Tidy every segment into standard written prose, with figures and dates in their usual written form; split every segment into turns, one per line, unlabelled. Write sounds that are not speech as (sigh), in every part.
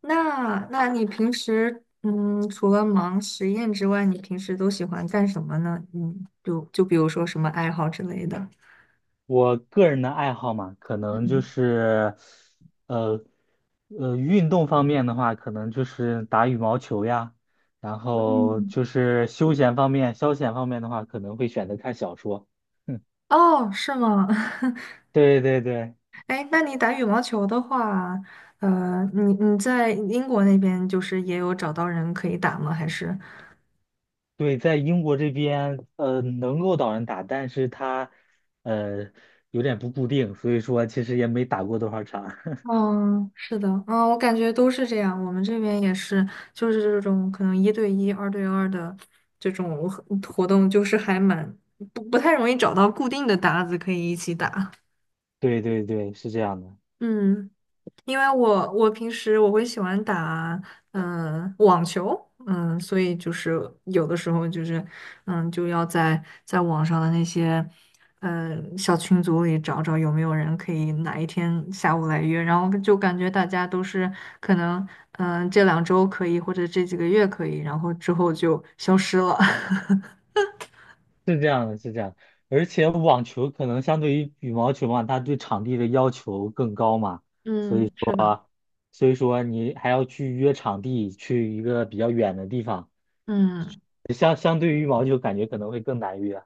那你平时除了忙实验之外，你平时都喜欢干什么呢？嗯，就比如说什么爱好之类的。
我个人的爱好嘛，可能就是，呃，运动方面的话，可能就是打羽毛球呀，然后
嗯。
就是休闲方面、消遣方面的话，可能会选择看小说。(laughs)
哦，是吗？(laughs)
对对对
哎，那你打羽毛球的话，你在英国那边就是也有找到人可以打吗？还是？
对，在英国这边，能够导人打，但是他，呃，有点不固定，所以说其实也没打过多少场。(laughs)
嗯，是的，嗯，我感觉都是这样。我们这边也是，就是这种可能一对一、二对二的这种活动，就是还蛮不太容易找到固定的搭子可以一起打。
对对对，是这样的。
嗯。因为我平时我会喜欢打网球，嗯，所以就是有的时候就是就要在网上的那些小群组里找找有没有人可以哪一天下午来约，然后就感觉大家都是可能这两周可以或者这几个月可以，然后之后就消失了。(laughs)
是这样的而且网球可能相对于羽毛球嘛，它对场地的要求更高嘛，
嗯，是的，
所以说你还要去约场地，去一个比较远的地方，
嗯。
相对于羽毛球感觉可能会更难约。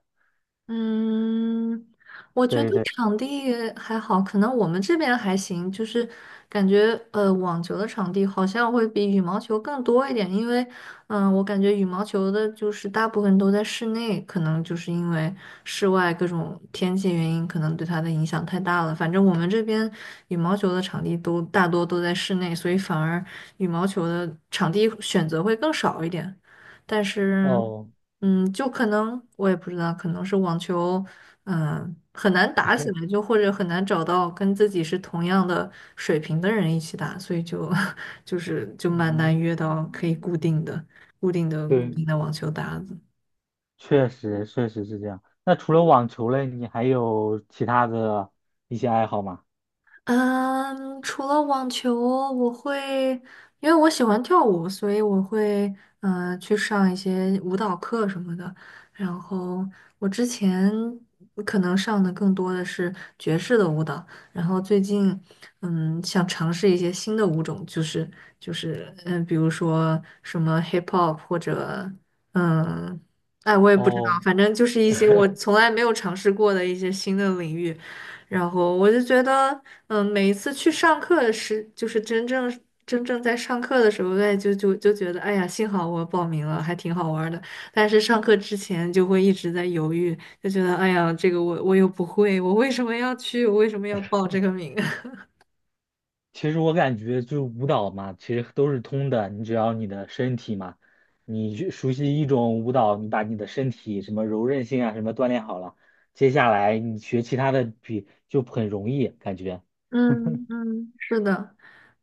嗯，我觉
对
得
对，
场地还好，可能我们这边还行，就是感觉网球的场地好像会比羽毛球更多一点，因为我感觉羽毛球的就是大部分都在室内，可能就是因为室外各种天气原因，可能对它的影响太大了。反正我们这边羽毛球的场地都大多都在室内，所以反而羽毛球的场地选择会更少一点，但是。
哦，
嗯，就可能我也不知道，可能是网球，嗯，很难打起来，就或者很难找到跟自己是同样的水平的人一起打，所以就 (laughs) 就是就蛮
嗯，
难约到可以固定的、固定的、固
对，
定的网球搭子。
确实是这样。那除了网球嘞，你还有其他的一些爱好吗？
嗯，除了网球，我会，因为我喜欢跳舞，所以我会去上一些舞蹈课什么的。然后我之前可能上的更多的是爵士的舞蹈，然后最近想尝试一些新的舞种，就是就是比如说什么 hip hop 或者嗯，哎，我也不知道，
哦。
反正就是一些我从来没有尝试过的一些新的领域。然后我就觉得，嗯，每一次去上课时，就是真正在上课的时候，哎，就觉得，哎呀，幸好我报名了，还挺好玩儿的。但是上课之前就会一直在犹豫，就觉得，哎呀，这个我又不会，我为什么要去？我为什么要报这个名？
其实我感觉就是舞蹈嘛，其实都是通的。你只要你的身体嘛，你去熟悉一种舞蹈，你把你的身体什么柔韧性啊什么锻炼好了，接下来你学其他的比就很容易感觉。
嗯嗯，是的，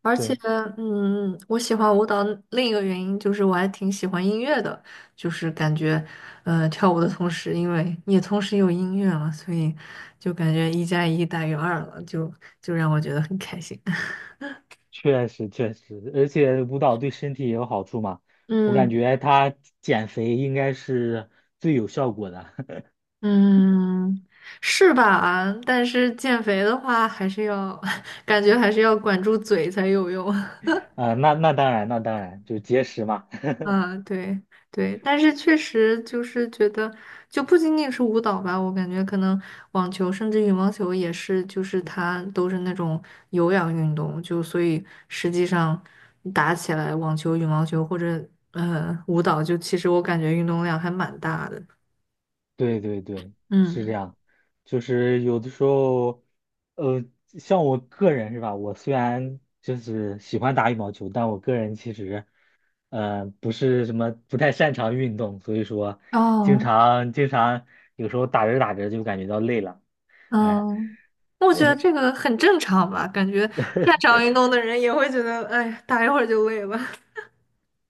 而且
对，
嗯，我喜欢舞蹈另一个原因就是我还挺喜欢音乐的，就是感觉跳舞的同时，因为也同时有音乐嘛，所以就感觉一加一大于二了，就就让我觉得很开心。(laughs)
确实确实，而且舞蹈对身体也有好处嘛。我感
嗯
觉它减肥应该是最有效果的。(laughs)
嗯，是吧？但是减肥的话，还是要 (laughs) 感觉还是要管住嘴才有用。(laughs)
那当然，那当然，就节食嘛。
嗯，对对，但是确实就是觉得，就不仅仅是舞蹈吧，我感觉可能网球甚至羽毛球也是，就是它都是那种有氧运动，就所以实际上打起来，网球、羽毛球或者舞蹈，就其实我感觉运动量还蛮大的。
对对对，是这
嗯，
样，就是有的时候，像我个人是吧？我虽然就是喜欢打羽毛球，但我个人其实，不是什么不太擅长运动，所以说，经
哦，
常经常有时候打着打着就感觉到累了，哎，
嗯，我觉得这个很正常吧，感觉擅长运动的人也会觉得，哎，打一会儿就累了。(laughs)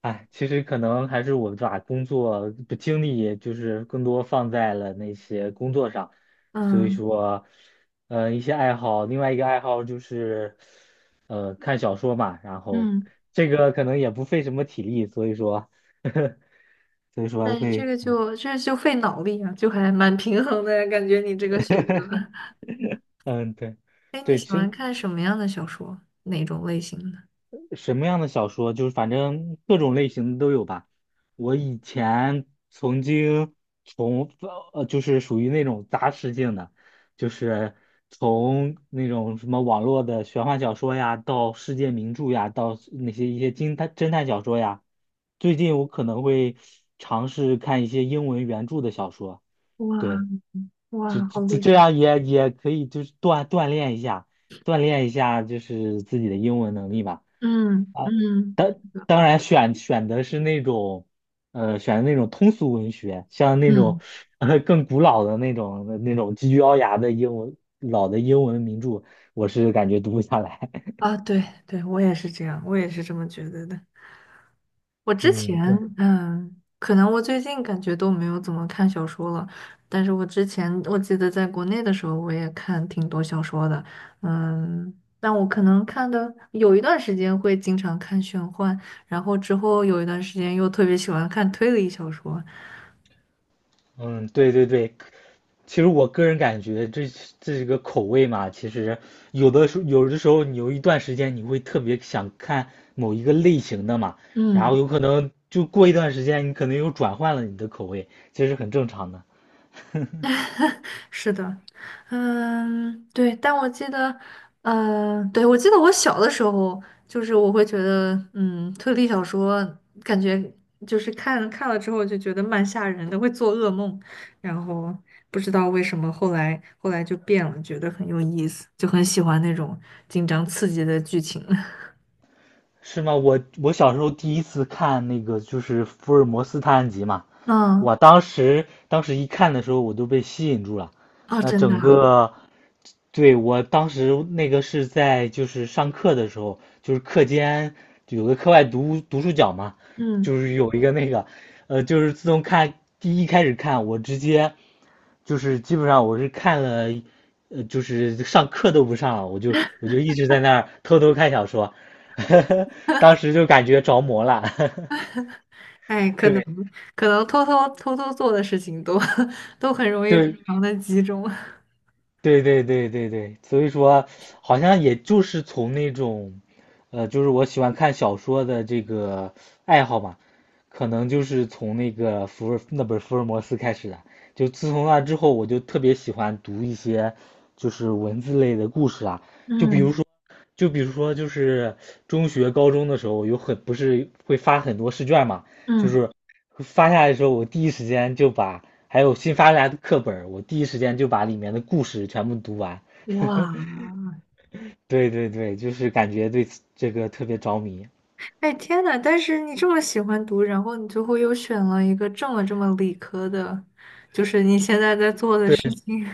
哎，其实可能还是我把工作的精力就是更多放在了那些工作上，所以
嗯
说，一些爱好，另外一个爱好就是，看小说嘛，然后
嗯。
这个可能也不费什么体力，所以说，(laughs) 所以说
哎，这
会，
个就这就费脑力啊，就还蛮平衡的呀，感觉你这个选择。
嗯，对，
哎，你
对，
喜
其
欢
实
看什么样的小说？哪种类型的？
什么样的小说？就是反正各种类型的都有吧。我以前曾经从就是属于那种杂食性的，就是从那种什么网络的玄幻小说呀，到世界名著呀，到那些一些侦探小说呀。最近我可能会尝试看一些英文原著的小说，
哇
对，就
哇，
就
好
就
厉
这
害！
样也也可以，就是锻炼一下，锻炼一下就是自己的英文能力吧。
嗯嗯，
当
是的
当然选的是那种，选的那种通俗文学，像那种
嗯
更古老的那种极具奥牙的英文老的英文名著，我是感觉读不下来。(laughs)
啊，对对，我也是这样，我也是这么觉得的。我之前，
嗯，对，
嗯，可能我最近感觉都没有怎么看小说了，但是我之前我记得在国内的时候，我也看挺多小说的，嗯，但我可能看的有一段时间会经常看玄幻，然后之后有一段时间又特别喜欢看推理小说，
嗯，对对对。其实我个人感觉这个口味嘛，其实有的时候你有一段时间你会特别想看某一个类型的嘛，然后
嗯，
有可能就过一段时间你可能又转换了你的口味，这是很正常的。
(laughs) 是的，嗯，对，但我记得，对，我记得我小的时候，就是我会觉得，嗯，推理小说感觉就是看看了之后就觉得蛮吓人的，会做噩梦，然后不知道为什么后来就变了，觉得很有意思，就很喜欢那种紧张刺激的剧情。(laughs)
是吗？我我小时候第一次看那个就是福尔摩斯探案集嘛，
嗯，
我当时一看的时候我都被吸引住了，
哦，
那
真的
整
啊，
个，对，我当时那个是在就是上课的时候，就是课间有个课外读书角嘛，
嗯，
就是有一个那个，就是自从看第一开始看，我直接就是基本上我是看了，就是上课都不上了，我就一直在那儿偷偷看小说，(laughs) 当时就感觉着魔了。(laughs)
哎，可能
对
可能偷偷做的事情都 (laughs) 都很容易非
对
常的集中。(laughs)
对对对，所以说好像也就是从那种，就是我喜欢看小说的这个爱好嘛，可能就是从那个那本福尔摩斯开始的。就自从那之后，我就特别喜欢读一些就是文字类的故事啊，就比如
嗯
就比如说，就是中学、高中的时候，有很不是会发很多试卷嘛，就
嗯，
是发下来的时候，我第一时间就把还有新发下来的课本儿我第一时间就把里面的故事全部读完。
哇，
对对对，就是感觉对这个特别着迷。对。
哎天呐！但是你这么喜欢读，然后你最后又选了一个这么理科的，就是你现在在做的事情。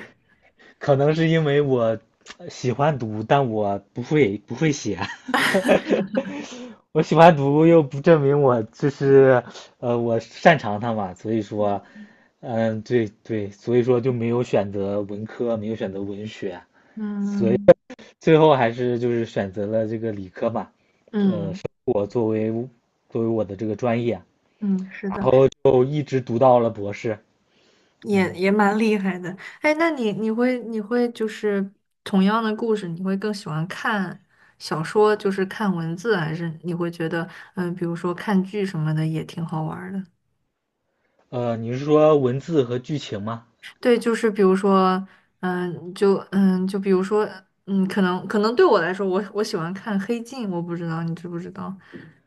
可能是因为我喜欢读，但我不会写。(laughs) 我喜欢读又不证明我就是我擅长它嘛，所以说，
(laughs)
嗯，对对，所以说就没有选择文科，没有选择文学，所以
嗯
最后还是就是选择了这个理科嘛，
嗯
生活作为我的这个专业，
嗯，是
然
的，
后就一直读到了博士。
也
嗯，
也蛮厉害的。哎，那你你会你会就是同样的故事，你会更喜欢看小说，就是看文字，还是你会觉得嗯，比如说看剧什么的也挺好玩儿的？
你是说文字和剧情吗？
对，就是比如说，嗯，就嗯，就比如说，嗯，可能对我来说，我喜欢看《黑镜》，我不知道你知不知道，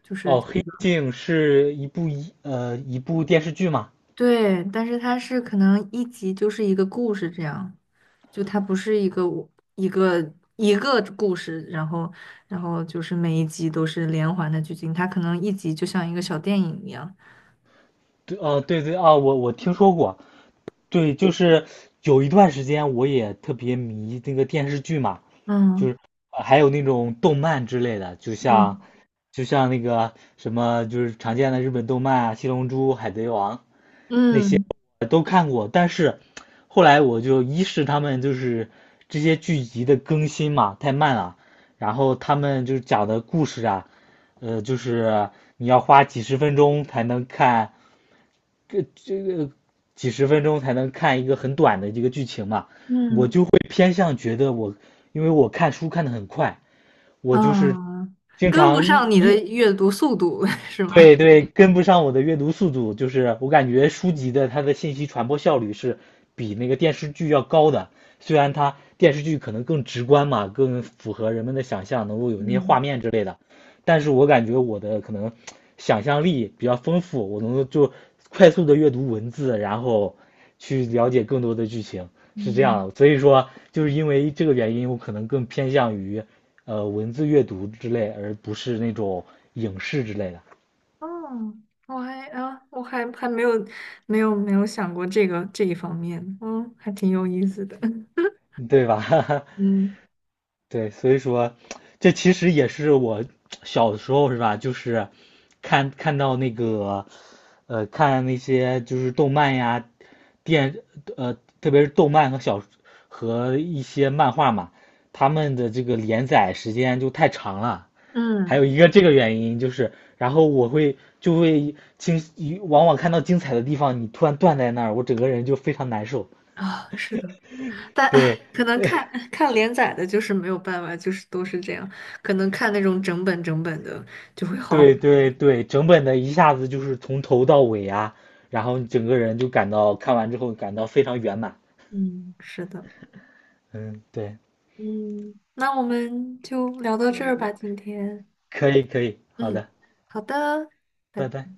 就是
哦，
这
《黑
个，
镜》是一部一部电视剧嘛？
对，但是它是可能一集就是一个故事这样，就它不是一个我一个一个故事，然后然后就是每一集都是连环的剧情，它可能一集就像一个小电影一样，
对，哦，对对啊，我我听说过。对，就是有一段时间我也特别迷那个电视剧嘛，就
嗯
是还有那种动漫之类的，
嗯
就像那个什么就是常见的日本动漫啊，《七龙珠》《海贼王》那些
嗯
都看过，但是后来我就一是他们就是这些剧集的更新嘛太慢了，然后他们就是讲的故事啊，就是你要花几十分钟才能看，这个几十分钟才能看一个很短的一个剧情嘛，
嗯
我
嗯
就会偏向觉得我，因为我看书看的很快，我就是
啊，
经
跟不
常
上你的阅读速度 (laughs) 是吗？
对对，跟不上我的阅读速度，就是我感觉书籍的它的信息传播效率是比那个电视剧要高的，虽然它电视剧可能更直观嘛，更符合人们的想象，能够有那些画
嗯
面之类的，但是我感觉我的可能想象力比较丰富，我能够就快速的阅读文字，然后去了解更多的剧情，是这
嗯，
样的。所以说，就是因为这个原因，我可能更偏向于文字阅读之类，而不是那种影视之类的。
哦，我还啊，我还还没有想过这个这一方面，嗯，还挺有意思的，(laughs)
对吧？(laughs)
嗯
对，所以说，这其实也是我小的时候是吧？就是看到那个，看那些就是动漫呀，电，特别是动漫和一些漫画嘛，他们的这个连载时间就太长了。还
嗯
有一个这个原因就是，然后我会就会经，往往看到精彩的地方，你突然断在那儿，我整个人就非常难受。
啊，是的，但
对，
唉，可能看看连载的，就是没有办法，就是都是这样，可能看那种整本整本的就会好，
对
(laughs)
对对，整本的一下子就是从头到尾啊，然后你整个人就感到看完之后感到非常圆满。
嗯，是的，
嗯，对，
嗯，那我们就聊到这儿吧，今天，
可以可以，好
嗯，
的，
好的，拜
拜
拜。
拜。